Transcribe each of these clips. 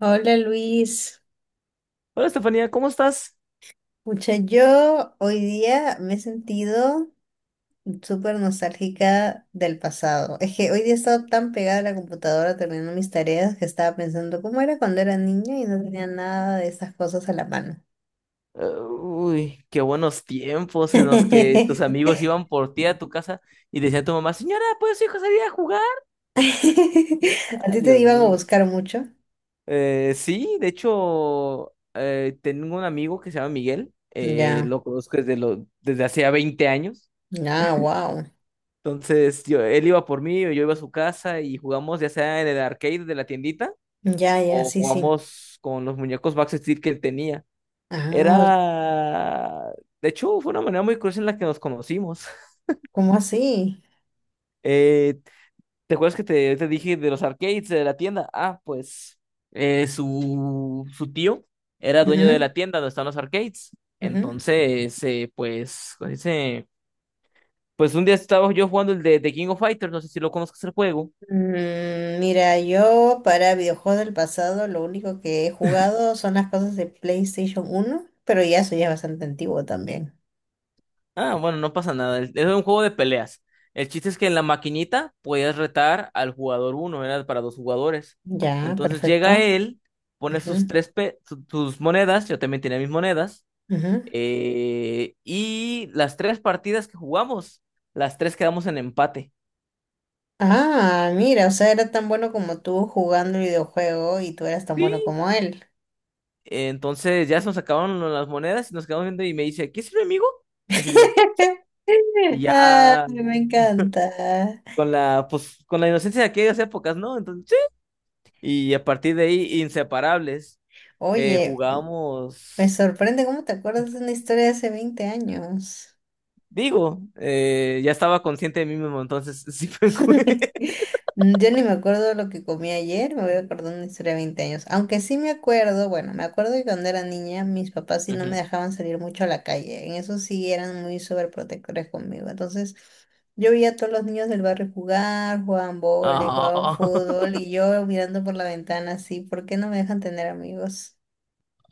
Hola Luis, Hola Estefanía, ¿cómo estás? pucha, yo hoy día me he sentido súper nostálgica del pasado. Es que hoy día he estado tan pegada a la computadora terminando mis tareas que estaba pensando cómo era cuando era niña y no tenía nada de esas cosas a la mano. Uy, qué buenos tiempos en los que tus amigos iban por ti a tu casa y decía a tu mamá, señora, ¿puedes su hijo salir a jugar? ¿A Ay, ti te Dios iban a mío. buscar mucho? Sí, de hecho, tengo un amigo que se llama Miguel, Ya, lo conozco desde hacía 20 años. ya, wow. Entonces, él iba por mí o yo iba a su casa y jugamos ya sea en el arcade de la tiendita Ya, ya, o sí, sí. jugamos con los muñecos Max Steel que él tenía. Ah, Era, de hecho, fue una manera muy curiosa en la que nos conocimos. ¿cómo así? Eh, ¿te acuerdas que te dije de los arcades de la tienda? Ah, pues su tío era dueño de Ujú, la tienda donde están los arcades. ujú. Entonces, pues, ¿cómo se dice? Pues un día estaba yo jugando el de King of Fighters, no sé si lo conozcas el juego. Mira, yo para videojuegos del pasado lo único que he jugado son las cosas de PlayStation uno, pero ya eso ya es bastante antiguo también. Ah, bueno, no pasa nada. Era un juego de peleas. El chiste es que en la maquinita podías retar al jugador uno, era para dos jugadores. Ya, Entonces llega perfecto. él, pone sus Ujú, tres pe- su- sus monedas, yo también tenía mis monedas, ujú. Y las tres partidas que jugamos, las tres quedamos en empate. Ah, mira, o sea, era tan bueno como tú jugando el videojuego y tú eras tan Sí. bueno como él. Entonces ya se nos acabaron las monedas y nos quedamos viendo y me dice, ¿qué es mi amigo? Y así de- y Ay, ya me encanta. con pues, con la inocencia de aquellas épocas, ¿no? Y a partir de ahí, inseparables, Oye, me jugábamos, sorprende cómo te acuerdas de una historia de hace 20 años. Ya estaba consciente de mí mismo, entonces sí fue... Yo ni me acuerdo lo que comí ayer, me voy a acordar una historia de 20 años. Aunque sí me acuerdo, bueno, me acuerdo que cuando era niña mis papás sí no me Ujú. dejaban salir mucho a la calle. En eso sí eran muy sobreprotectores conmigo. Entonces yo veía a todos los niños del barrio jugar, jugaban vóley, jugaban Ah, fútbol y yo mirando por la ventana así, ¿por qué no me dejan tener amigos?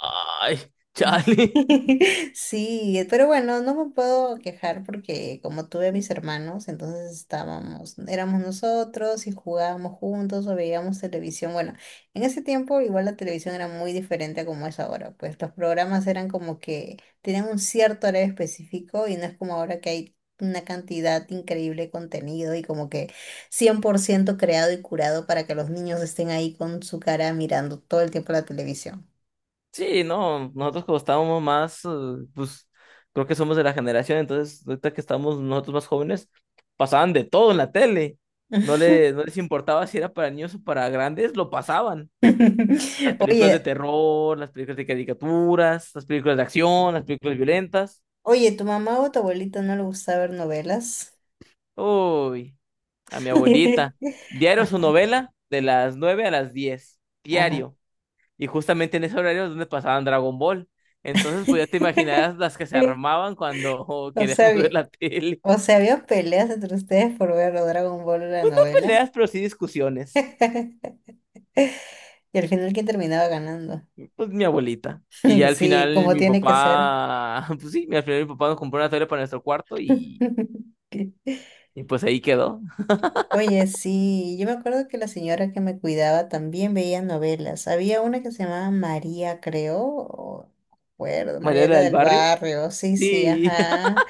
ay, Charlie. Sí, pero bueno, no me puedo quejar porque como tuve a mis hermanos, entonces estábamos, éramos nosotros y jugábamos juntos o veíamos televisión. Bueno, en ese tiempo igual la televisión era muy diferente a como es ahora, pues los programas eran como que tenían un cierto horario específico y no es como ahora que hay una cantidad increíble de contenido y como que 100% creado y curado para que los niños estén ahí con su cara mirando todo el tiempo la televisión. Sí, no, nosotros como estábamos más, pues creo que somos de la generación, entonces ahorita que estamos nosotros más jóvenes, pasaban de todo en la tele. No les importaba si era para niños o para grandes, lo pasaban. Las películas de Oye, terror, las películas de caricaturas, las películas de acción, las películas violentas. Oye, ¿tu mamá o tu abuelita no le gustaba ver novelas? Uy, a mi abuelita. Diario su novela de las 9 a las 10. Ajá. Diario. Y justamente en ese horario es donde pasaban Dragon Ball. Entonces, pues ya te imaginarás las que se Sí. armaban cuando oh, O sea, queríamos había- ver la tele. o sea, había peleas entre ustedes por ver o Dragon Ball o la Pues no novela. peleas, pero sí discusiones. Y al final, ¿quién terminaba ganando? Pues mi abuelita. Y ya al Sí, final como mi tiene que ser. papá, pues sí, al final mi papá nos compró una tele para nuestro cuarto Sí. y pues ahí quedó. Oye, sí, yo me acuerdo que la señora que me cuidaba también veía novelas. Había una que se llamaba María, creo, acuerdo, María María era era del del barrio. barrio, sí, sí, Sí, ajá.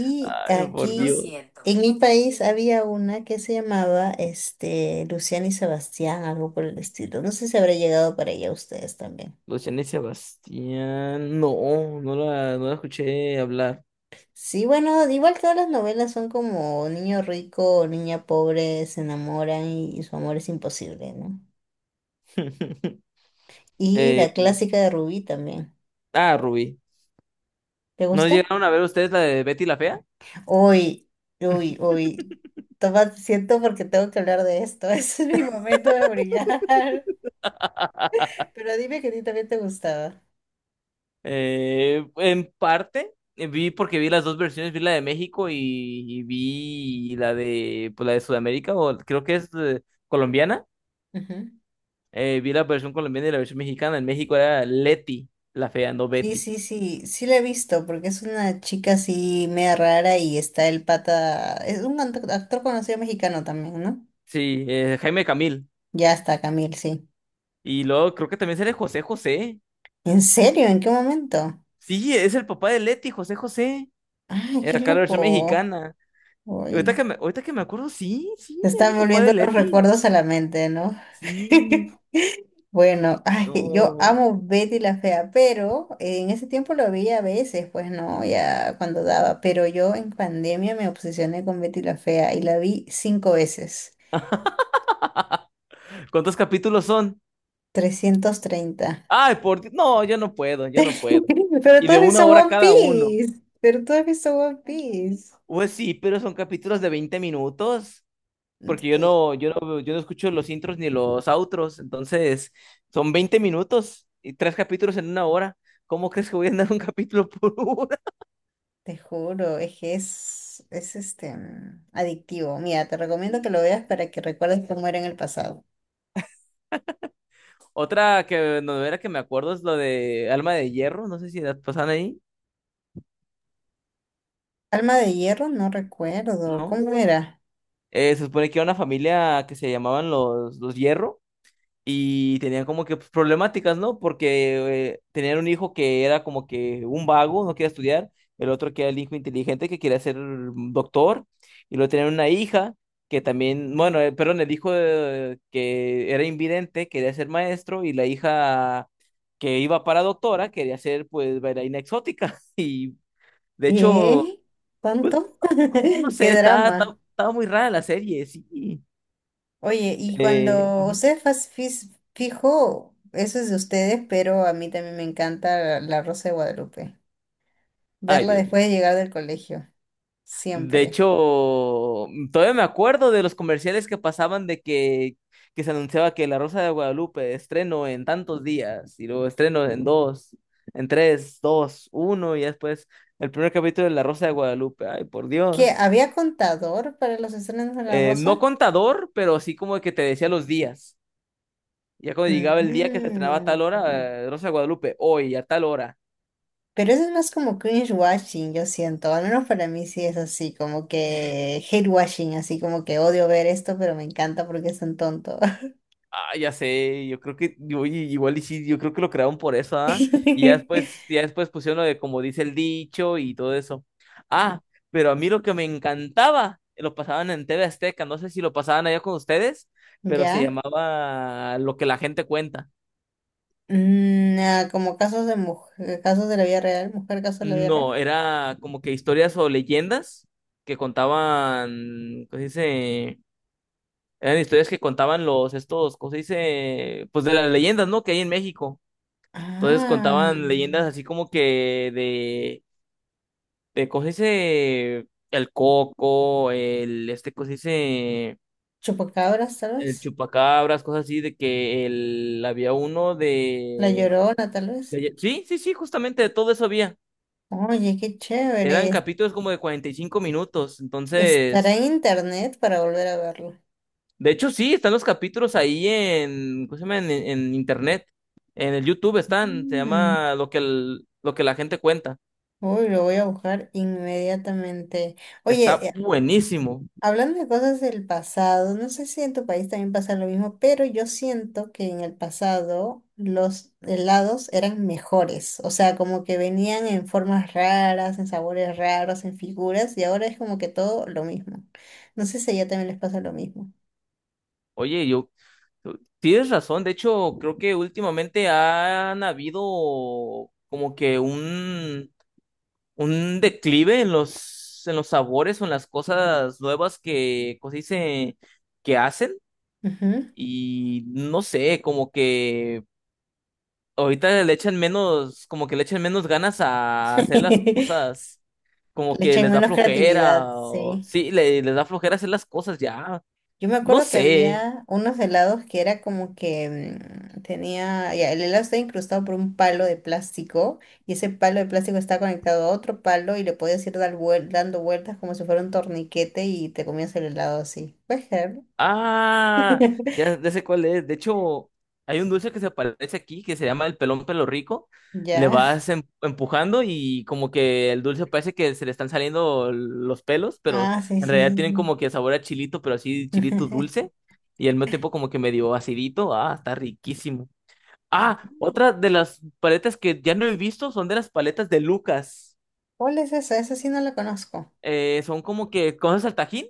lo ay, por aquí Dios. en mi país había una que se llamaba este, Luciana y Sebastián, algo por el estilo. No sé si habrá llegado para allá ustedes también. Luciana y Sebastián. No, no la escuché hablar. Sí, bueno, igual todas las novelas son como niño rico o niña pobre se enamoran y su amor es imposible, ¿no? Y Eh, la clásica de Rubí también. ah, Rubí. ¿Te ¿No gusta? llegaron a ver ustedes la de Betty la Fea? Hoy, uy, uy. Toma, siento porque tengo que hablar de esto. Ese es mi momento de brillar. Pero dime que a ti también te gustaba. En parte, vi porque vi las dos versiones, vi la de México y vi la de, pues, la de Sudamérica, o creo que es colombiana. Vi la versión colombiana y la versión mexicana. En México era Leti la Fea, no Sí, Betty. sí, sí, sí la he visto, porque es una chica así media rara y está el pata, es un actor conocido mexicano también, ¿no? Sí, Jaime Camil. Ya está, Camil, sí. Y luego creo que también sale José José. ¿En serio? ¿En qué momento? Sí, es el papá de Leti, José José. Ay, Era qué acá la versión loco. mexicana. Y Uy, ahorita que me acuerdo, sí, sí, te era están el papá de volviendo los Leti. recuerdos a la mente, ¿no? Sí, Bueno, ay, que yo no. amo Betty la Fea, pero en ese tiempo lo veía a veces, pues no, ya cuando daba, pero yo en pandemia me obsesioné con Betty la Fea y la vi cinco veces. ¿Cuántos capítulos son? 330. Ay, por Dios. No, yo no puedo. Pero Y tú de has una visto hora One cada uno. Piece. Pero tú has visto One Piece. Pues sí, pero son capítulos de 20 minutos. Porque Que yo no escucho los intros ni los outros. Entonces, son 20 minutos y 3 capítulos en 1 hora. ¿Cómo crees que voy a andar un capítulo por uno? Te juro, es que es este, adictivo. Mira, te recomiendo que lo veas para que recuerdes cómo era en el pasado. Otra que novela que me acuerdo es lo de Alma de Hierro, no sé si la pasan ahí, Alma de hierro, no recuerdo. ¿no? ¿Cómo era? Se supone que era una familia que se llamaban los Hierro. Y tenían como que pues, problemáticas, ¿no? Porque tenían un hijo que era como que un vago, no quería estudiar, el otro que era el hijo inteligente que quería ser doctor, y luego tenían una hija que también, bueno, perdón, el hijo que era invidente quería ser maestro y la hija que iba para doctora quería ser pues bailarina exótica. Y de hecho, ¿Qué? pues ¿Cuánto? no ¿Qué sé, drama? está muy rara la serie, sí. Oye, y cuando Ujú. ustedes fijo, eso es de ustedes, pero a mí también me encanta La Rosa de Guadalupe. Ay, Verla Dios. después de llegar del colegio. De Siempre. hecho, todavía me acuerdo de los comerciales que pasaban de que se anunciaba que La Rosa de Guadalupe estreno en tantos días y luego estreno en dos, en tres, dos, uno y después el primer capítulo de La Rosa de Guadalupe. Ay, por ¿Qué? Dios. ¿Había contador para los estrenos de La No Rosa? contador, pero sí como que te decía los días. Ya cuando llegaba el día que se estrenaba a tal hora, Mm, Rosa de Guadalupe, hoy a tal hora. Pero eso es más como cringe watching, yo siento. Al menos para mí sí es así, como que hate watching, así como que odio ver esto, pero me encanta porque es tan tonto. Ah, ya sé, yo creo que, oye, igual y sí, yo creo que lo crearon por eso, ¿ah? Y ya después pusieron lo de como dice el dicho y todo eso. Ah, pero a mí lo que me encantaba, lo pasaban en TV Azteca, no sé si lo pasaban allá con ustedes, pero se ¿Ya? llamaba Lo que la gente cuenta. Ah, como casos de mujer, casos de la vida real, mujer casos de la vida No, real. era como que historias o leyendas que contaban, ¿cómo se dice? Eran historias que contaban los, estos, ¿cómo se dice? Pues de las leyendas, ¿no? Que hay en México. Entonces Ah, contaban leyendas así como que de ¿cómo se dice? El coco, el, este, ¿cómo se dice? chupacabras, tal El vez. chupacabras, cosas así, de que el, había uno La de, Llorona, tal vez. Sí, sí, sí, justamente de todo eso había. Oye, qué Eran chévere. capítulos como de 45 minutos, Estará en entonces... internet para volver a verlo. De hecho, sí, están los capítulos ahí en, ¿cómo se llama? En internet, en el YouTube están, se Mm, llama lo que la gente cuenta. Uy, lo voy a buscar inmediatamente. Oye, Está buenísimo. hablando de cosas del pasado, no sé si en tu país también pasa lo mismo, pero yo siento que en el pasado los helados eran mejores. O sea, como que venían en formas raras, en sabores raros, en figuras, y ahora es como que todo lo mismo. No sé si a ella también les pasa lo mismo. Oye, yo tienes razón. De hecho, creo que últimamente han habido como que un declive en los sabores o en las cosas nuevas que, ¿cómo se dice? Que hacen. Ujú. Y no sé, como que ahorita le echan menos, como que le echan menos ganas a hacer las cosas. Como Le que echan les da menos creatividad, flojera. Sí. Sí, les da flojera hacer las cosas ya. Yo me No acuerdo que sé. había unos helados que era como que tenía, ya, el helado estaba incrustado por un palo de plástico y ese palo de plástico está conectado a otro palo y le podías ir dando vueltas como si fuera un torniquete y te comías el helado así. ¿Puedes creerlo? Ah, ya, ya sé cuál es. De hecho, hay un dulce que se aparece aquí que se llama el pelón pelo rico. Le Ya. vas empujando y como que el dulce parece que se le están saliendo los pelos, pero Ah, sí, en sí, realidad tienen sí. como que sabor a chilito, pero así chilito Sí. dulce. Y al mismo tiempo como que medio acidito. Ah, está riquísimo. Ah, otra de las paletas que ya no he visto son de las paletas de Lucas. ¿Cuál es esa? Esa sí no la conozco. Son como que cosas al tajín.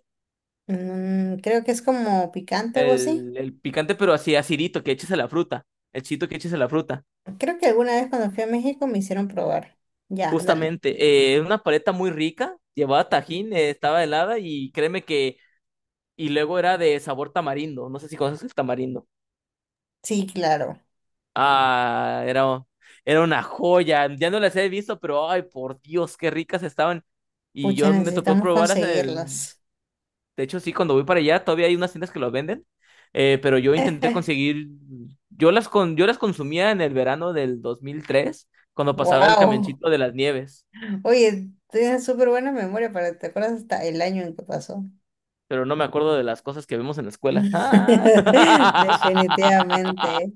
Creo que es como picante, algo así. El picante, pero así acidito, que eches a la fruta. El chito que eches a la fruta. Creo que alguna vez cuando fui a México me hicieron probar. Ya, dale. Justamente. Una paleta muy rica. Llevaba tajín, estaba helada y créeme que. Y luego era de sabor tamarindo. No sé si conoces el tamarindo. Sí, claro. Ah, era, era una joya. Ya no las he visto, pero ay, por Dios, qué ricas estaban. Y Pucha, yo me tocó necesitamos probarlas en el. conseguirlas. De hecho, sí, cuando voy para allá todavía hay unas tiendas que lo venden, pero yo intenté conseguir, yo las consumía en el verano del 2003, cuando pasaba el Wow. camioncito de las nieves, Oye, tienes súper buena memoria para te acuerdas hasta el año en que pasó. pero no me acuerdo de las cosas que vemos en la escuela. Ah. Definitivamente.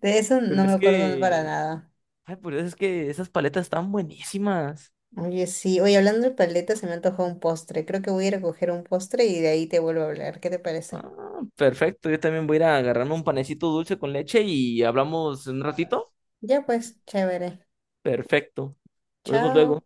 De eso Pero no me es acuerdo para que, nada. ay, pero es que esas paletas están buenísimas. Oye, sí. Oye, hablando de paletas, se me antojó un postre. Creo que voy a ir a coger un postre y de ahí te vuelvo a hablar. ¿Qué te parece? Ah, perfecto, yo también voy a ir a agarrarme un panecito dulce con leche y hablamos en un ratito. Ya pues, chévere. Perfecto, nos vemos Chao. luego.